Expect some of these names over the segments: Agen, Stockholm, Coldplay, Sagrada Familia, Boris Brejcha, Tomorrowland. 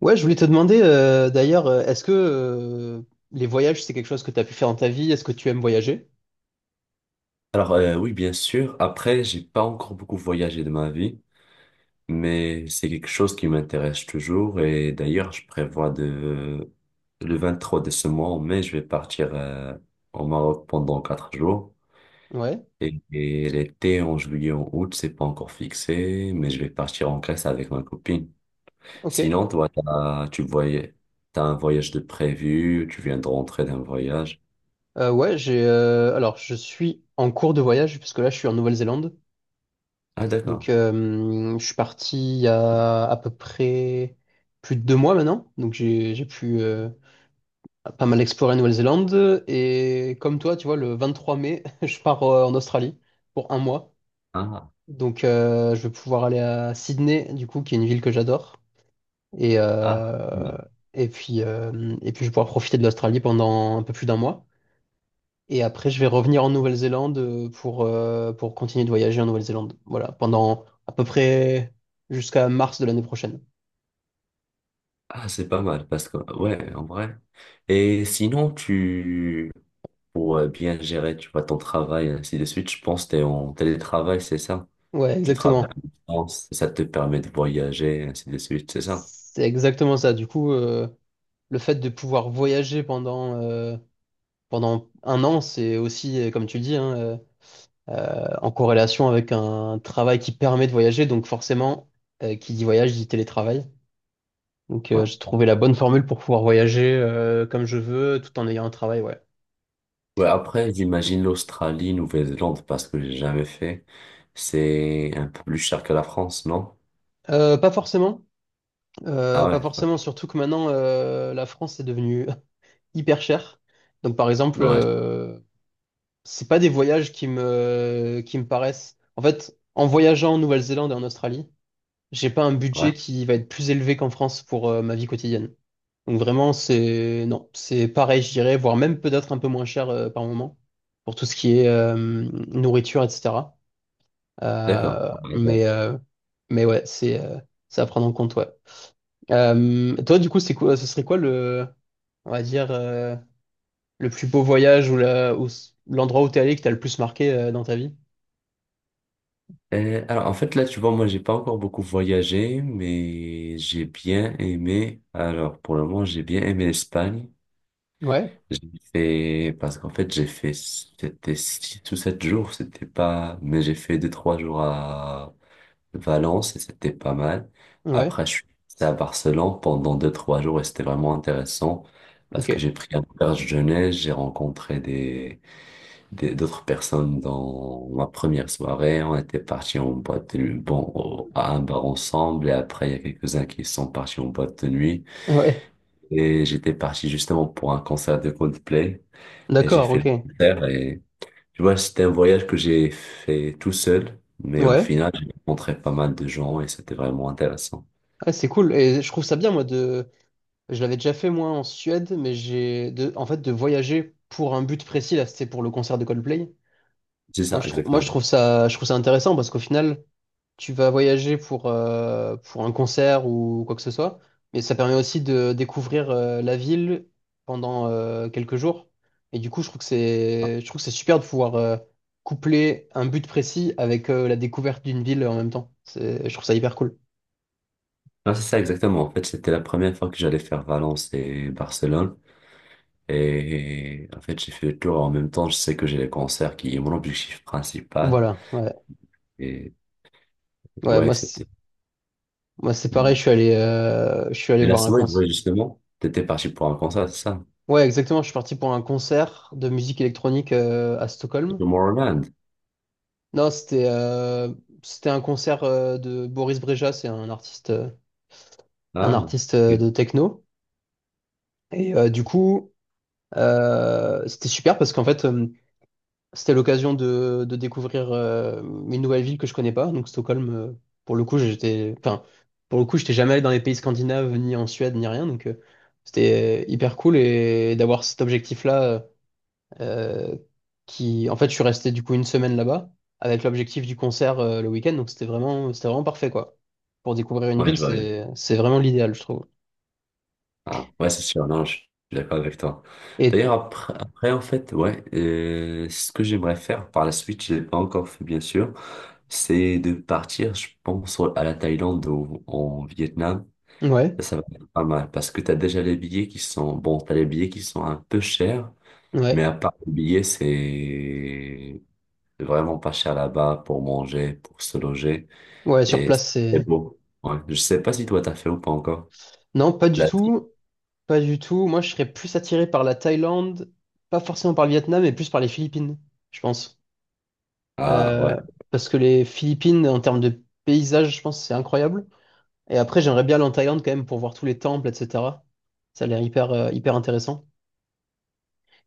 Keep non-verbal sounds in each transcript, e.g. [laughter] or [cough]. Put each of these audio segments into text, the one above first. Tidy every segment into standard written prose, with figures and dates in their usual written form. Ouais, je voulais te demander d'ailleurs, est-ce que les voyages, c'est quelque chose que tu as pu faire dans ta vie? Est-ce que tu aimes voyager? Alors, oui, bien sûr. Après, j'ai pas encore beaucoup voyagé de ma vie, mais c'est quelque chose qui m'intéresse toujours. Et d'ailleurs, je prévois de le 23 de ce mois en mai, je vais partir au Maroc pendant 4 jours. Ouais, Et l'été en juillet, en août, c'est pas encore fixé, mais je vais partir en Grèce avec ma copine. ok. Sinon, toi, t'as un voyage de prévu, tu viens de rentrer d'un voyage. Ouais, j'ai alors je suis en cours de voyage parce que là je suis en Nouvelle-Zélande. Ah Donc d'accord. Je suis parti il y a à peu près plus de 2 mois maintenant. Donc j'ai pu pas mal explorer la Nouvelle-Zélande, et comme toi, tu vois, le 23 mai, [laughs] je pars en Australie pour un mois. Ah Donc je vais pouvoir aller à Sydney, du coup, qui est une ville que j'adore. Et, ah. euh, et puis, je vais pouvoir profiter de l'Australie pendant un peu plus d'un mois. Et après, je vais revenir en Nouvelle-Zélande pour continuer de voyager en Nouvelle-Zélande. Voilà, pendant à peu près jusqu'à mars de l'année prochaine. Ah, c'est pas mal parce que, ouais, en vrai. Et sinon, pour bien gérer, tu vois, ton travail, ainsi de suite, je pense que t'es en télétravail, c'est ça? Ouais, Tu travailles exactement. à distance, ça te permet de voyager, ainsi de suite, c'est ça? C'est exactement ça. Du coup, le fait de pouvoir voyager pendant un an, c'est aussi, comme tu le dis, hein, en corrélation avec un travail qui permet de voyager. Donc forcément, qui dit voyage dit télétravail. Donc, Ouais. j'ai trouvé la bonne formule pour pouvoir voyager comme je veux, tout en ayant un travail, ouais. Ouais, après, j'imagine l'Australie, Nouvelle-Zélande, parce que j'ai jamais fait. C'est un peu plus cher que la France, non? Euh, pas forcément, Ah ouais. pas forcément, Ok. surtout que maintenant, la France est devenue [laughs] hyper chère. Donc, par exemple, Ouais. C'est pas des voyages qui me paraissent. En fait, en voyageant en Nouvelle-Zélande et en Australie, j'ai pas un Ouais. budget qui va être plus élevé qu'en France pour ma vie quotidienne. Donc, vraiment, c'est, non, c'est pareil, je dirais, voire même peut-être un peu moins cher par moment pour tout ce qui est nourriture, etc. D'accord. Euh, On va mais, euh, mais ouais, c'est à prendre en compte, ouais. Toi, du coup, c'est quoi, ce serait quoi le, on va dire, le plus beau voyage ou l'endroit où t'es allé qui t'a le plus marqué dans ta vie? Alors, en fait, là, tu vois, moi, j'ai pas encore beaucoup voyagé, mais j'ai bien aimé. Alors, pour le moment, j'ai bien aimé l'Espagne. Ouais, Parce qu'en fait, j'ai fait, c'était 6 ou 7 jours, c'était pas, mais j'ai fait 2, 3 jours à Valence et c'était pas mal. ouais, Après, je suis resté à Barcelone pendant 2, 3 jours et c'était vraiment intéressant parce que ok. j'ai pris un auberge jeunesse, j'ai rencontré d'autres personnes dans ma première soirée. On était partis en boîte de nuit, bon, à un bar ensemble. Et après, il y a quelques-uns qui sont partis en boîte de nuit. Ouais, Et j'étais parti justement pour un concert de Coldplay. Et j'ai d'accord, fait ok. le Ouais, concert. Et tu vois, c'était un voyage que j'ai fait tout seul. Mais au final, j'ai rencontré pas mal de gens et c'était vraiment intéressant. ouais, c'est cool. Et je trouve ça bien, moi, de. Je l'avais déjà fait, moi, en Suède, en fait, de voyager pour un but précis, là, c'était pour le concert de Coldplay. C'est ça, Moi, exactement. Je trouve ça intéressant parce qu'au final, tu vas voyager pour un concert ou quoi que ce soit, mais ça permet aussi de découvrir la ville pendant quelques jours. Et du coup, je trouve que c'est super de pouvoir coupler un but précis avec la découverte d'une ville en même temps. C'est, je trouve ça hyper cool. Non, c'est ça, exactement. En fait, c'était la première fois que j'allais faire Valence et Barcelone. Et en fait, j'ai fait le tour. En même temps, je sais que j'ai les concerts qui est mon objectif principal. Voilà, ouais. Et Ouais, ouais, moi, c'était. moi, c'est pareil, Mm. Je suis allé Et la voir un semaine, concert. ouais, justement, t'étais parti pour un concert, c'est ça? Ouais, exactement, je suis parti pour un concert de musique électronique à C'est Stockholm. Tomorrowland. Non, c'était un concert de Boris Brejcha, c'est un artiste Ah, ok. de techno. Et du coup, c'était super parce qu'en fait, c'était l'occasion de découvrir une nouvelle ville que je connais pas. Donc Stockholm, pour le coup, j'étais enfin pour le coup, j'étais jamais allé dans les pays scandinaves, ni en Suède, ni rien. Donc c'était hyper cool et d'avoir cet objectif-là. Euh, qui, en fait, je suis resté du coup une semaine là-bas avec l'objectif du concert le week-end. Donc c'était vraiment parfait quoi. Pour découvrir une Ouais, ville, je vois bien. c'est vraiment l'idéal, je trouve. Ah, ouais, c'est sûr. Non, je suis d'accord avec toi. Et D'ailleurs, après, en fait, ouais, ce que j'aimerais faire par la suite, je l'ai pas encore fait, bien sûr, c'est de partir, je pense, à la Thaïlande ou au Vietnam. ouais, Ça va être pas mal parce que tu as déjà les billets qui sont, bon, tu as les billets qui sont un peu chers, mais ouais, à part les billets, c'est vraiment pas cher là-bas pour manger, pour se loger ouais, sur et c'est place, très c'est. beau. Ouais. Je sais pas si toi t'as fait ou pas encore. Non, pas du L'Asie. tout, pas du tout. Moi, je serais plus attiré par la Thaïlande, pas forcément par le Vietnam, mais plus par les Philippines, je pense. Ah Euh, ouais. Parce que les Philippines, en termes de paysage, je pense, que c'est incroyable. Et après, j'aimerais bien aller en Thaïlande quand même pour voir tous les temples, etc. Ça a l'air hyper intéressant.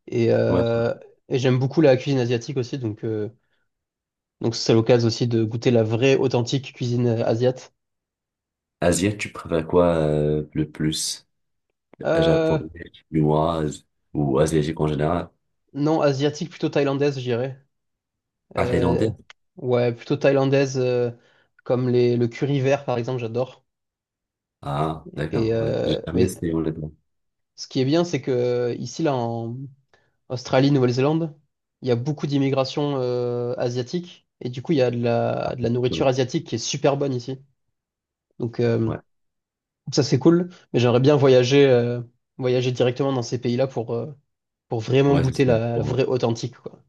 Et, Ouais. euh, et j'aime beaucoup la cuisine asiatique aussi, donc c'est l'occasion aussi de goûter la vraie, authentique cuisine asiate. Asie, tu préfères quoi le plus? Euh, Japonais, chinoise ou asiatique en général? non, asiatique, plutôt thaïlandaise, je dirais. Ah, Euh, thaïlandais? ouais, plutôt thaïlandaise, comme le curry vert, par exemple, j'adore. Ah, Et d'accord. Ouais. J'ai jamais mais essayé honnêtement. ce qui est bien, c'est que ici, là, en Australie, Nouvelle-Zélande, il y a beaucoup d'immigration asiatique, et du coup, il y a de la nourriture asiatique qui est super bonne ici. Donc, Ouais. ça, c'est cool, mais j'aimerais bien voyager directement dans ces pays-là pour vraiment Ouais, c'est goûter ça. la vraie authentique, quoi.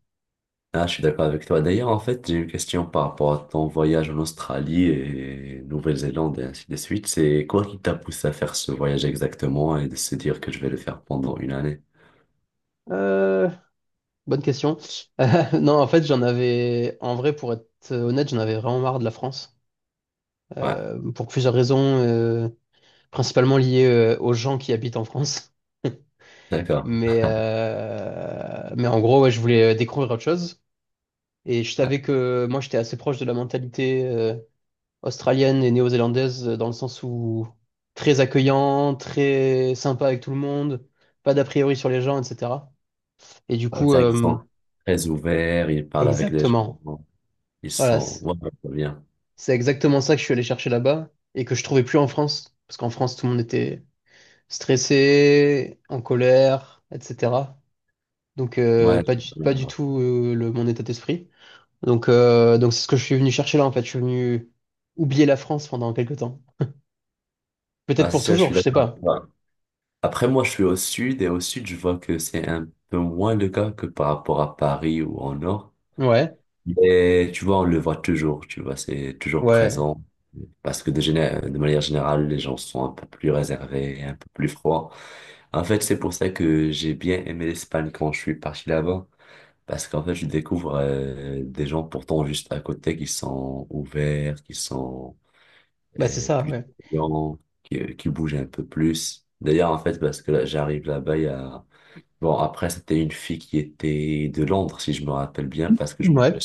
Ah, je suis d'accord avec toi. D'ailleurs, en fait, j'ai une question par rapport à ton voyage en Australie et Nouvelle-Zélande et ainsi de suite. C'est quoi qui t'a poussé à faire ce voyage exactement et de se dire que je vais le faire pendant une année? Euh, Bonne question. [laughs] Non, en fait, en vrai, pour être honnête, j'en avais vraiment marre de la France, Ouais, pour plusieurs raisons, principalement liées, aux gens qui habitent en France. d'accord. Mais en gros, ouais, je voulais découvrir autre chose. Et je Ouais. savais que moi, j'étais assez proche de la mentalité, australienne et néo-zélandaise dans le sens où très accueillant, très sympa avec tout le monde, pas d'a priori sur les gens, etc. Et du Ouais, coup, c'est vrai qu'ils sont très ouverts, ils parlent avec les gens, exactement. ils Voilà, sont. Ouais, c'est bien. c'est exactement ça que je suis allé chercher là-bas et que je trouvais plus en France, parce qu'en France, tout le monde était stressé, en colère, etc. Donc Ouais, pas c'est du, bien. pas du Ouais. tout euh, le, mon état d'esprit. Donc c'est ce que je suis venu chercher là en fait. Je suis venu oublier la France pendant quelques temps. Peut-être Ah, pour c'est ça, je suis toujours, je sais d'accord avec pas. toi. Après, moi, je suis au sud et au sud, je vois que c'est un peu moins le cas que par rapport à Paris ou en Nord. Ouais, Mais tu vois, on le voit toujours, tu vois, c'est toujours ouais. présent. Parce que de manière générale, les gens sont un peu plus réservés, un peu plus froids. En fait, c'est pour ça que j'ai bien aimé l'Espagne quand je suis parti là-bas. Parce qu'en fait, je découvre des gens pourtant juste à côté qui sont ouverts, qui sont Bah, c'est ça, plus ouais. souriants, qui bougent un peu plus. D'ailleurs, en fait, parce que là, j'arrive là-bas, il y a. Bon, après, c'était une fille qui était de Londres, si je me rappelle bien, parce que je m'en vais Ouais.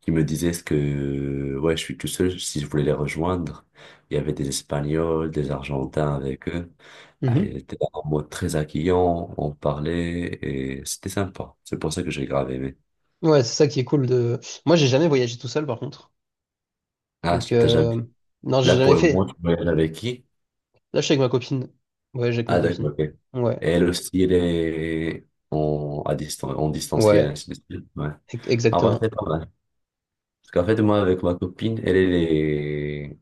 qui me disaient ce que ouais, je suis tout seul, si je voulais les rejoindre. Il y avait des Espagnols, des Argentins avec eux. Ah, Mhm. ils étaient en mode très accueillant, on parlait et c'était sympa. C'est pour ça que j'ai grave aimé. Ouais, c'est ça qui est cool de. Moi, j'ai jamais voyagé tout seul, par contre. Ah, Donc, t'as jamais. Non, j'ai Là, jamais pour le moment, fait. tu voyages avec qui? Là, je suis avec ma copine. Ouais, j'ai avec ma Ah, d'accord, copine. ok. Et Ouais. elle aussi, elle est en distanciel, Ouais. ainsi de suite. Ouais. En vrai, c'est Exactement. pas mal. Parce qu'en fait, moi, avec ma copine, elle, elle est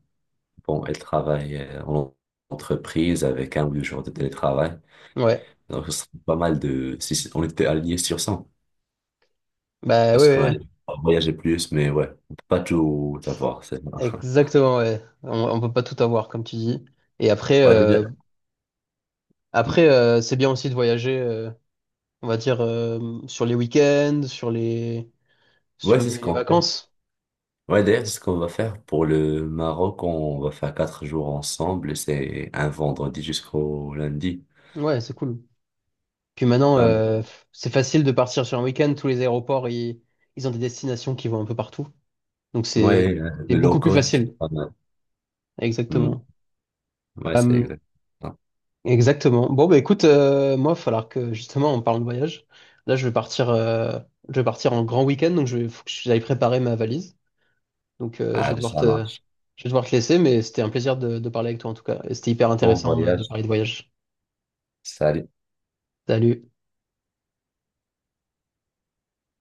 bon, elle travaille en entreprise avec 1 ou 2 jours de télétravail. Ouais. Donc, ce serait pas mal de, si c- on était aligné sur ça Bah, ouais, parce qu'on ouais. allait Ouais. voyager plus, mais ouais, on peut pas tout avoir, c'est ça. [laughs] Exactement, ouais. On peut pas tout avoir, comme tu dis. Et après, Ouais, euh... déjà. Mm. après, euh, c'est bien aussi de voyager, on va dire, sur les week-ends, sur les, Ouais, sur c'est ce les les qu'on fait. vacances. Ouais, d'ailleurs, c'est ce qu'on va faire pour le Maroc. On va faire 4 jours ensemble. C'est un vendredi jusqu'au lundi. Ouais, c'est cool. Puis maintenant, Euh, c'est facile de partir sur un week-end. Tous les aéroports, ils ont des destinations qui vont un peu partout. Donc c'est ouais, c'est le low beaucoup plus cost, c'est facile. pas mal. Mm. Exactement. Ouais, c'est Euh, exact. Exactement. Bon, bah écoute, moi, il va falloir que justement on parle de voyage. Là, je vais partir en grand week-end, donc faut que j'aille préparer ma valise. Donc Ah, ça marche. je vais devoir te laisser, mais c'était un plaisir de parler avec toi en tout cas. Et c'était hyper Bon intéressant de voyage. parler de voyage. Salut. Salut.